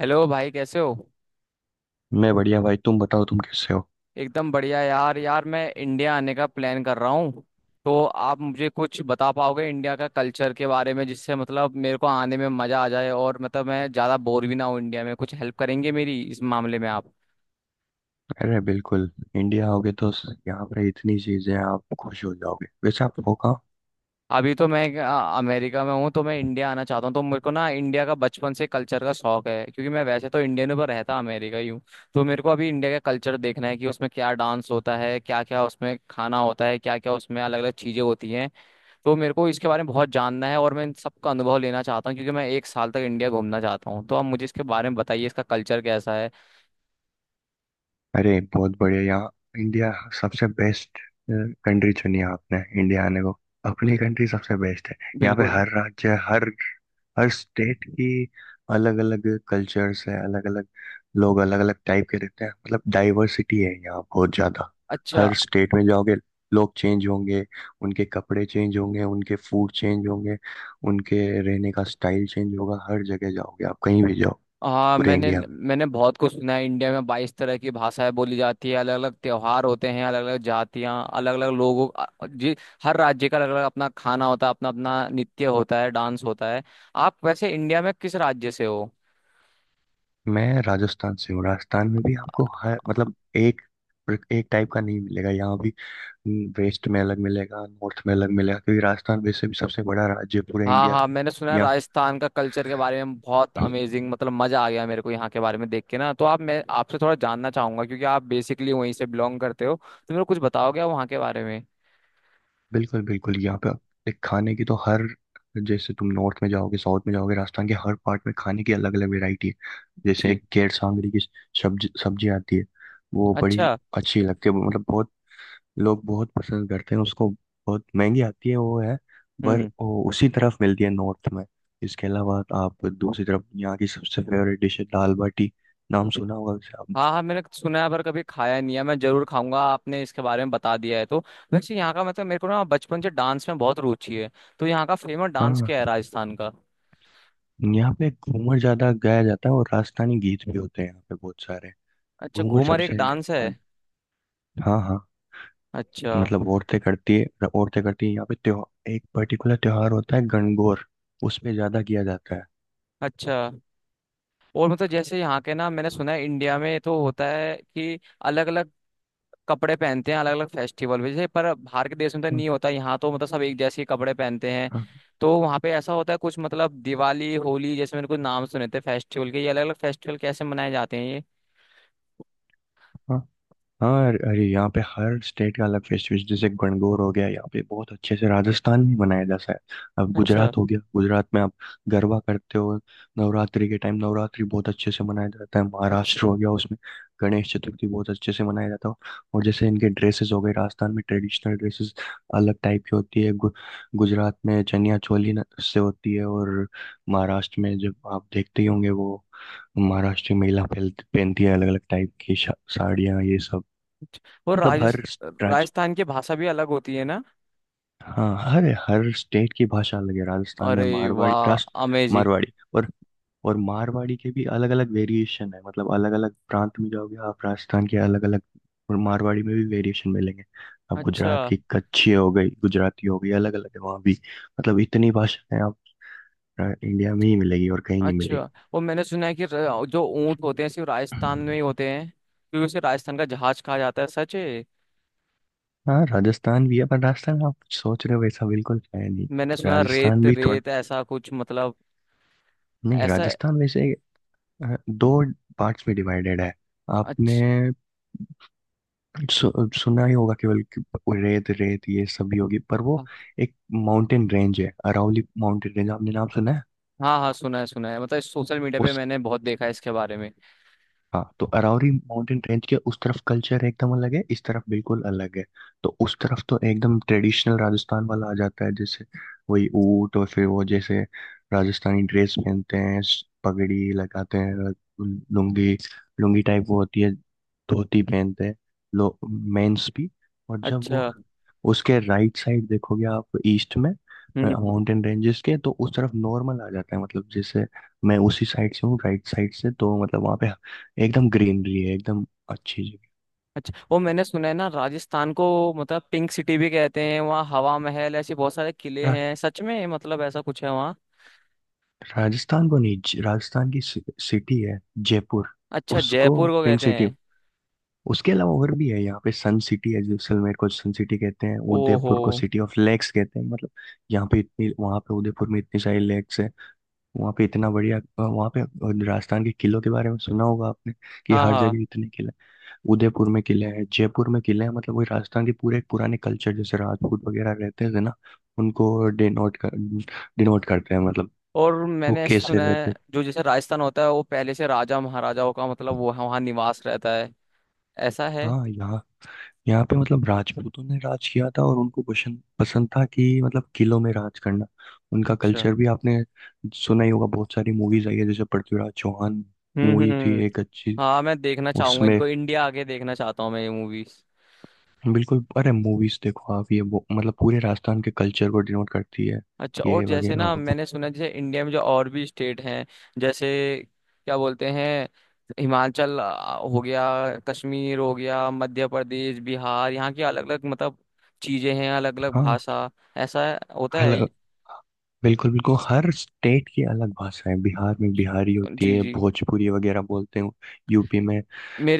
Hello भाई कैसे हो। मैं बढ़िया भाई। तुम बताओ तुम कैसे हो? एकदम बढ़िया यार यार। मैं इंडिया आने का प्लान कर रहा हूँ। तो आप मुझे कुछ बता पाओगे इंडिया का कल्चर के बारे में, जिससे मतलब मेरे को आने में मज़ा आ जाए और मतलब मैं ज़्यादा बोर भी ना हो इंडिया में। कुछ हेल्प करेंगे मेरी इस मामले में आप? अरे बिल्कुल, इंडिया आओगे तो यहाँ पर इतनी चीजें हैं, आप खुश हो जाओगे। वैसे आप हो कहाँ? अभी तो मैं अमेरिका में हूँ। तो मैं इंडिया आना चाहता हूँ। तो मेरे को ना इंडिया का बचपन से कल्चर का शौक है, क्योंकि मैं वैसे तो इंडियन हूँ पर रहता अमेरिका ही हूँ। तो मेरे को अभी इंडिया का कल्चर देखना है कि उसमें क्या डांस होता है, क्या क्या उसमें खाना होता है, क्या क्या उसमें अलग अलग चीज़ें होती हैं। तो मेरे को इसके बारे में बहुत जानना है और मैं इन सबका अनुभव लेना चाहता हूँ, क्योंकि मैं एक साल तक इंडिया घूमना चाहता हूँ। तो आप मुझे इसके बारे में बताइए, इसका कल्चर कैसा है। अरे बहुत बढ़िया। यहाँ इंडिया सबसे बेस्ट कंट्री चुनी है आपने इंडिया आने को। अपनी बिल- कंट्री सबसे बेस्ट है। यहाँ पे बिल्कुल। हर राज्य हर हर स्टेट की अलग अलग कल्चर्स है। अलग अलग लोग अलग अलग टाइप के रहते हैं, मतलब डाइवर्सिटी है यहाँ बहुत ज़्यादा। अच्छा। हर स्टेट में जाओगे लोग चेंज होंगे, उनके कपड़े चेंज होंगे, उनके फूड चेंज होंगे, उनके रहने का स्टाइल चेंज होगा। हर जगह जाओगे आप, कहीं भी जाओ हाँ, पूरे मैंने इंडिया में। मैंने बहुत कुछ सुना है। इंडिया में 22 तरह की भाषाएं बोली जाती है, अलग अलग त्योहार होते हैं, अलग अलग जातियाँ, अलग अलग लोगों जी। हर राज्य का अलग अलग अपना खाना होता है, अपना अपना नृत्य होता है, डांस होता है। आप वैसे इंडिया में किस राज्य से हो? मैं राजस्थान से हूँ। राजस्थान में भी आपको हर मतलब एक एक टाइप का नहीं मिलेगा। यहाँ भी वेस्ट में अलग मिलेगा, नॉर्थ में अलग मिलेगा, क्योंकि राजस्थान वैसे भी सबसे बड़ा राज्य है पूरे हाँ इंडिया का। हाँ, मैंने सुना है यहाँ राजस्थान का कल्चर के बारे में बहुत अमेजिंग। मतलब मजा आ गया मेरे को यहाँ के बारे में देख के ना। तो आप मैं आपसे थोड़ा जानना चाहूंगा, क्योंकि आप बेसिकली वहीं से बिलोंग करते हो। तो मेरे को कुछ बताओगे आप वहाँ के बारे में? बिल्कुल बिल्कुल, यहाँ पे एक खाने की तो हर जैसे तुम नॉर्थ में जाओगे साउथ में जाओगे, राजस्थान के हर पार्ट में खाने की अलग अलग वैरायटी है। जैसे जी। एक केर सांगरी की सब्जी सब्जी आती है। वो बड़ी अच्छा। अच्छी लगती है, मतलब बहुत लोग बहुत पसंद करते हैं उसको। बहुत महंगी आती है वो है, पर हम्म। वो उसी तरफ मिलती है नॉर्थ में। इसके अलावा आप दूसरी तरफ, यहाँ की सबसे फेवरेट डिश है दाल बाटी। नाम सुना होगा वैसे आपने? हाँ हाँ, मैंने सुना है पर कभी खाया नहीं है। मैं जरूर खाऊंगा, आपने इसके बारे में बता दिया है तो। वैसे यहाँ का मतलब मेरे को ना बचपन से डांस में बहुत रुचि है। तो यहाँ का फेमस डांस क्या हाँ, है राजस्थान का? यहाँ पे घूमर ज्यादा गाया जाता है, और राजस्थानी गीत भी होते हैं यहाँ पे बहुत सारे। अच्छा, घूमर घूमर एक सबसे डांस है। अ, हाँ हाँ, अच्छा। मतलब औरतें करती है। औरतें करती है यहाँ पे, त्योहार एक पर्टिकुलर त्योहार होता है गणगौर, उसमें ज्यादा किया जाता है। अच्छा। और मतलब जैसे यहाँ के ना मैंने सुना है इंडिया में तो होता है कि अलग अलग कपड़े पहनते हैं अलग अलग फेस्टिवल में। जैसे पर बाहर के देश में तो हाँ। नहीं होता, यहाँ तो मतलब सब एक जैसे ही कपड़े पहनते हैं। हाँ। तो वहाँ पे ऐसा होता है कुछ मतलब दिवाली होली जैसे मैंने कुछ नाम सुने थे फेस्टिवल के। ये अलग अलग फेस्टिवल कैसे मनाए जाते हैं ये? हाँ। हाँ, अरे अरे, यहाँ पे हर स्टेट का अलग फेस्टिवल। जैसे गणगौर हो गया, यहाँ पे बहुत अच्छे से राजस्थान में मनाया जाता है। अब अच्छा। गुजरात हो गया, गुजरात में आप गरबा करते हो नवरात्रि के टाइम। नवरात्रि बहुत अच्छे से मनाया जाता है। अच्छा। महाराष्ट्र हो गया, उसमें गणेश चतुर्थी बहुत अच्छे से मनाया जाता है। और जैसे इनके ड्रेसेस हो गए, राजस्थान में ट्रेडिशनल ड्रेसेस अलग टाइप की होती है। गुजरात में चनिया चोली से होती है, और महाराष्ट्र में जब आप देखते ही होंगे, वो महाराष्ट्र की महिला पहनती है अलग अलग टाइप की साड़ियाँ, ये सब। अच्छा और मतलब हर राज्य। राजस्थान की भाषा भी अलग होती है ना? हाँ, हर हर स्टेट की भाषा अलग है। राजस्थान में अरे मारवाड़ी वाह, राष्ट्र अमेजिंग। मारवाड़ी, और मारवाड़ी के भी अलग अलग वेरिएशन है। मतलब अलग अलग प्रांत में जाओगे आप राजस्थान के, अलग अलग और मारवाड़ी में भी वेरिएशन मिलेंगे। आप अच्छा। गुजरात की कच्छी हो गई, गुजराती हो गई, अलग अलग है वहाँ भी। मतलब इतनी भाषाएं आप इंडिया में ही मिलेगी, और कहीं नहीं अच्छा। मिलेगी। वो मैंने सुना है कि जो ऊंट होते हैं सिर्फ राजस्थान में ही होते हैं, क्योंकि उसे राजस्थान का जहाज कहा जाता है, सच है? हाँ, राजस्थान भी है, पर राजस्थान आप सोच रहे हो वैसा बिल्कुल है नहीं। मैंने सुना राजस्थान रेत भी थोड़ा, रेत ऐसा कुछ मतलब। नहीं, ऐसा। राजस्थान वैसे दो पार्ट्स में डिवाइडेड है। अच्छा। आपने सुना ही होगा केवल कि वो रेत रेत ये सब भी होगी, पर वो हाँ एक माउंटेन रेंज है अरावली माउंटेन रेंज। आपने नाम सुना हाँ हाँ, सुना है सुना है। मतलब सोशल मीडिया है? पे मैंने बहुत देखा है इसके बारे में। हाँ, तो अरावरी माउंटेन रेंज के उस तरफ कल्चर एकदम अलग है, इस तरफ बिल्कुल अलग है। तो उस तरफ तो एकदम ट्रेडिशनल राजस्थान वाला आ जाता है, जैसे वही ऊँट और फिर वो जैसे राजस्थानी ड्रेस पहनते हैं, पगड़ी लगाते हैं, लुंगी, लुंगी टाइप वो होती है, धोती पहनते हैं लो मेंस भी। और जब वो अच्छा। उसके राइट साइड देखोगे आप, ईस्ट में हम्म। माउंटेन रेंजेस के, तो उस तरफ नॉर्मल आ जाता है। मतलब जैसे मैं उसी साइड से हूँ, राइट साइड से, तो मतलब वहाँ पे एकदम ग्रीनरी है, एकदम अच्छी जगह। अच्छा। वो मैंने सुना है ना राजस्थान को मतलब पिंक सिटी भी कहते हैं। वहाँ हवा महल ऐसे बहुत सारे किले रा, हैं, सच में मतलब ऐसा कुछ है वहाँ? राजस्थान को नहीं राजस्थान की सिटी है जयपुर, अच्छा, उसको जयपुर को पिंक कहते सिटी। हैं। उसके अलावा और भी है यहाँ पे, सन सिटी है, जैसलमेर को सन सिटी कहते हैं, ओहो। उदयपुर को सिटी ऑफ लेक्स कहते हैं। मतलब यहाँ पे इतनी, वहाँ पे उदयपुर में इतनी सारी लेक्स है। वहाँ पे इतना बढ़िया वहाँ पे राजस्थान के किलों के बारे में सुना होगा आपने कि हाँ हर हाँ। जगह इतने किले। उदयपुर में किले हैं, जयपुर में किले हैं, मतलब वही राजस्थान के पूरे पुराने कल्चर, जैसे राजपूत वगैरह रहते थे ना, उनको डिनोट करते हैं मतलब। और वो मैंने कैसे सुना रहते है थे? जो जैसे राजस्थान होता है वो पहले से राजा महाराजाओं का मतलब वो वहाँ निवास रहता है, ऐसा है? हाँ, यहाँ, यहाँ पे मतलब राजपूतों ने राज किया था, और उनको पसंद पसंद था कि मतलब किलों में राज करना। उनका अच्छा। कल्चर भी आपने सुना ही होगा, बहुत सारी मूवीज आई है, जैसे पृथ्वीराज चौहान मूवी थी हम्म। एक अच्छी। हाँ मैं देखना चाहूंगा उसमें इनको। इंडिया आगे देखना चाहता हूँ मैं ये मूवीज। बिल्कुल, अरे मूवीज देखो आप ये वो, मतलब पूरे राजस्थान के कल्चर को डिनोट करती है अच्छा और ये जैसे ना वगैरह। मैंने सुना जैसे इंडिया में जो और भी स्टेट हैं जैसे, क्या बोलते हैं, हिमाचल हो गया, कश्मीर हो गया, मध्य प्रदेश, बिहार, यहाँ की अलग अलग मतलब चीजें हैं, अलग अलग हाँ, भाषा, ऐसा होता है? हल- बिल्कुल बिल्कुल, हर स्टेट की अलग भाषा है। बिहार में बिहारी होती जी। है, जी। भोजपुरी वगैरह बोलते हैं। यूपी में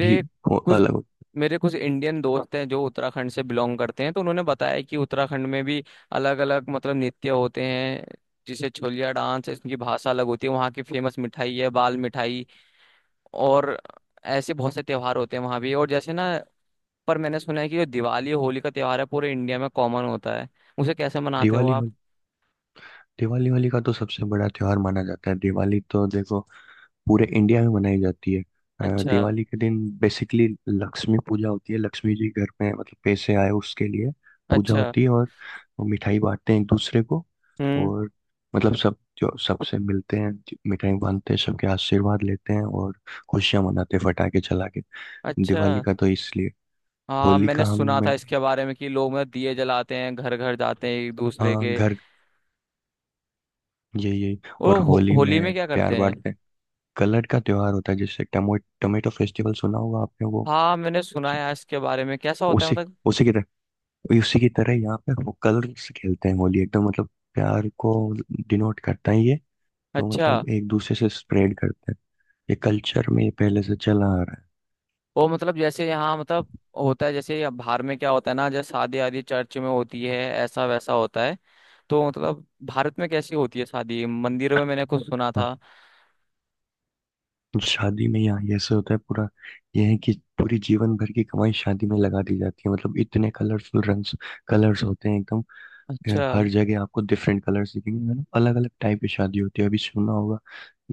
भी वो कुछ अलग होती मेरे कुछ इंडियन दोस्त हैं जो उत्तराखंड से बिलोंग करते हैं, तो उन्होंने बताया कि उत्तराखंड में भी अलग अलग मतलब नृत्य होते हैं, जिसे छोलिया डांस है। इसकी भाषा अलग होती है, वहाँ की फेमस मिठाई है बाल मिठाई, और ऐसे बहुत से त्योहार होते हैं वहाँ भी। और जैसे ना पर मैंने सुना है कि जो दिवाली होली का त्योहार है पूरे इंडिया में कॉमन होता है, उसे कैसे है। मनाते हो दिवाली आप? होली, दिवाली होली का तो सबसे बड़ा त्योहार माना जाता है। दिवाली तो देखो पूरे इंडिया में मनाई जाती है। अच्छा। दिवाली के दिन बेसिकली लक्ष्मी पूजा होती है। लक्ष्मी जी घर में, मतलब पैसे आए उसके लिए पूजा अच्छा। होती है। और वो मिठाई बांटते हैं एक दूसरे को, हम्म। और मतलब सब जो सबसे मिलते हैं मिठाई बांटते हैं, सबके आशीर्वाद लेते हैं, और खुशियां मनाते हैं फटाके चला के। अच्छा। दिवाली का तो इसलिए। हाँ होली का मैंने हम सुना था में, इसके बारे में कि लोग मतलब दिए जलाते हैं, घर घर जाते हैं एक दूसरे हाँ के। घर, यही यही। और वो होली होली में में क्या प्यार करते हैं? बांटते हैं। कलर का त्योहार होता है, जैसे टमो टमेटो फेस्टिवल सुना होगा आपने, वो हाँ मैंने सुना है इसके बारे में। कैसा होता है उसी, मतलब? उसी की, वही उसी की तरह यहाँ पे वो कलर्स खेलते हैं। होली एकदम मतलब प्यार को डिनोट करता है ये। तो अच्छा। मतलब एक दूसरे से स्प्रेड करते हैं, ये कल्चर में ये पहले से चला आ रहा है। वो मतलब जैसे यहाँ मतलब होता है, जैसे यहाँ बाहर में क्या होता है ना जैसे शादी आदि चर्च में होती है, ऐसा वैसा होता है। तो मतलब भारत में कैसी होती है शादी? मंदिरों में मैंने कुछ सुना हाँ, था। तो शादी में यहाँ ये ऐसे होता है पूरा, ये है कि पूरी जीवन भर की कमाई शादी में लगा दी जाती है। मतलब इतने कलरफुल रंग्स, कलर्स होते हैं एकदम। ये अच्छा। हर जगह आपको डिफरेंट कलर्स दिखेंगे, मतलब अलग अलग टाइप की शादी होती है। अभी सुना होगा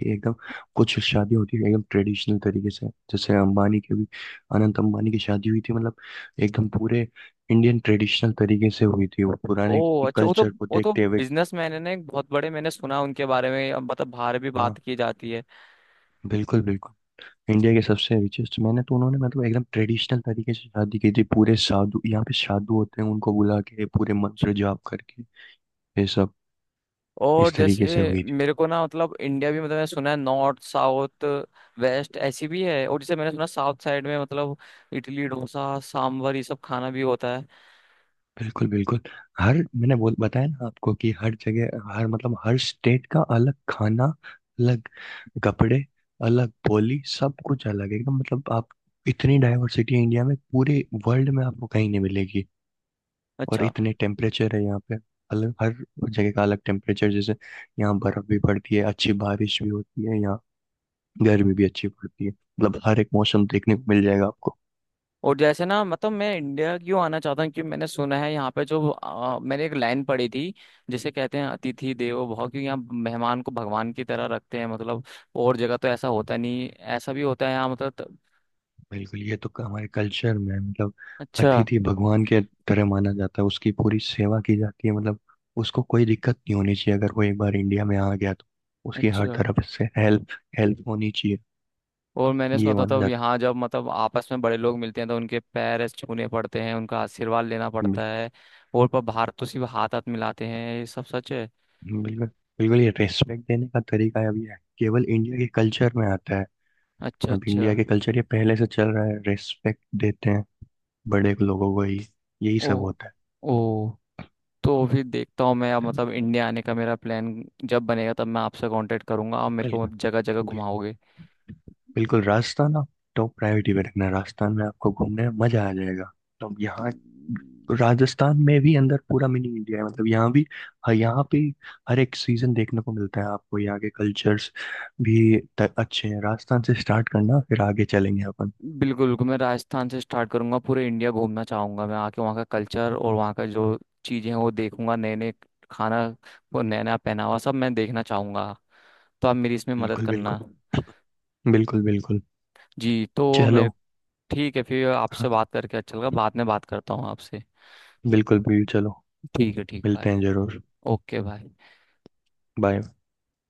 ये एकदम, कुछ शादी होती है एकदम ट्रेडिशनल तरीके से, जैसे अंबानी की भी, अनंत अंबानी की शादी हुई थी, मतलब एकदम पूरे इंडियन ट्रेडिशनल तरीके से हुई थी, वो पुराने ओ अच्छा, वो तो। कल्चर को वो तो देखते हुए। बिजनेस मैन है ना एक बहुत बड़े, मैंने सुना उनके बारे में, अब मतलब बाहर भी हाँ, बात की जाती है। बिल्कुल बिल्कुल, इंडिया के सबसे रिचेस्ट। मैंने तो, उन्होंने मतलब एकदम ट्रेडिशनल तरीके से शादी की थी, पूरे साधु, यहाँ पे साधु होते हैं, उनको बुला के पूरे मंत्र जाप करके ये सब और इस तरीके से जैसे हुई। मेरे को ना मतलब इंडिया भी मतलब मैंने सुना है नॉर्थ साउथ वेस्ट ऐसी भी है, और जैसे मैंने सुना साउथ साइड में मतलब इडली डोसा सांभर ये सब खाना भी होता है। बिल्कुल बिल्कुल, हर मैंने बोल बताया ना आपको कि हर जगह हर, मतलब हर स्टेट का अलग खाना, अलग कपड़े, अलग बोली, सब कुछ अलग है एकदम, मतलब आप इतनी डाइवर्सिटी है इंडिया में। पूरे वर्ल्ड में आपको कहीं नहीं मिलेगी। और अच्छा। इतने टेम्परेचर है यहाँ पे अलग, हर जगह का अलग टेम्परेचर। जैसे यहाँ बर्फ भी पड़ती है, अच्छी बारिश भी होती है यहाँ, गर्मी भी अच्छी पड़ती है, मतलब हर एक मौसम देखने को मिल जाएगा आपको। और जैसे ना मतलब मैं इंडिया क्यों आना चाहता हूँ क्योंकि मैंने सुना है यहाँ पे जो मैंने एक लाइन पढ़ी थी, जिसे कहते हैं अतिथि देवो भव, क्योंकि यहाँ मेहमान को भगवान की तरह रखते हैं। मतलब और जगह तो ऐसा होता नहीं, ऐसा भी होता है यहाँ मतलब। बिल्कुल, ये तो हमारे कल्चर में है, मतलब अच्छा। अतिथि भगवान के तरह माना जाता है, उसकी पूरी सेवा की जाती है। मतलब उसको कोई दिक्कत नहीं होनी चाहिए, अगर वो एक बार इंडिया में आ गया तो उसकी हर अच्छा। तरफ से हेल्प हेल्प होनी चाहिए, और मैंने सुना ये था माना तब, जाता यहाँ जब मतलब आपस में बड़े लोग मिलते हैं तो उनके पैर ऐसे छूने पड़ते हैं, उनका आशीर्वाद लेना है। पड़ता है, और पर बाहर तो सिर्फ हाथ हाथ मिलाते हैं, ये सब सच है? बिल्कुल बिल्कुल, बिल्कुल ये रेस्पेक्ट देने का तरीका है, अभी है केवल इंडिया के कल्चर में आता है। अच्छा अब अच्छा। इंडिया के कल्चर ये पहले से चल रहा है, रेस्पेक्ट देते हैं बड़े लोगों को ही, यही ओ। सब होता ओ। तो फिर देखता हूँ मैं। अब है। मतलब इंडिया आने का मेरा प्लान जब बनेगा तब मैं आपसे कांटेक्ट करूंगा। आप मेरे को बिल्कुल जगह जगह घुमाओगे? बिल्कुल, राजस्थान आप टॉप प्रायोरिटी पे रखना, राजस्थान में आपको घूमने में मजा आ जाएगा। तो यहाँ राजस्थान में भी अंदर पूरा मिनी इंडिया है, मतलब यहाँ भी हाँ, यहाँ पे हर एक सीजन देखने को मिलता है आपको। यहाँ के कल्चर्स भी अच्छे हैं, राजस्थान से स्टार्ट करना, फिर आगे चलेंगे अपन। बिल्कुल बिल्कुल, मैं राजस्थान से स्टार्ट करूंगा, पूरे इंडिया घूमना चाहूंगा मैं। आके वहाँ का कल्चर और वहाँ का जो चीज़ें हैं वो देखूंगा, नए नए खाना, वो नया नया पहनावा, सब मैं देखना चाहूंगा। तो आप मेरी इसमें मदद बिल्कुल करना। बिल्कुल। बिल्कुल बिल्कुल, जी। तो मेरे चलो। ठीक है, फिर आपसे हाँ, बात करके अच्छा लगा, बाद में बात करता हूँ आपसे। बिल्कुल बिल्कुल, चलो, ठीक है, ठीक मिलते भाई। हैं जरूर। ओके भाई। बाय।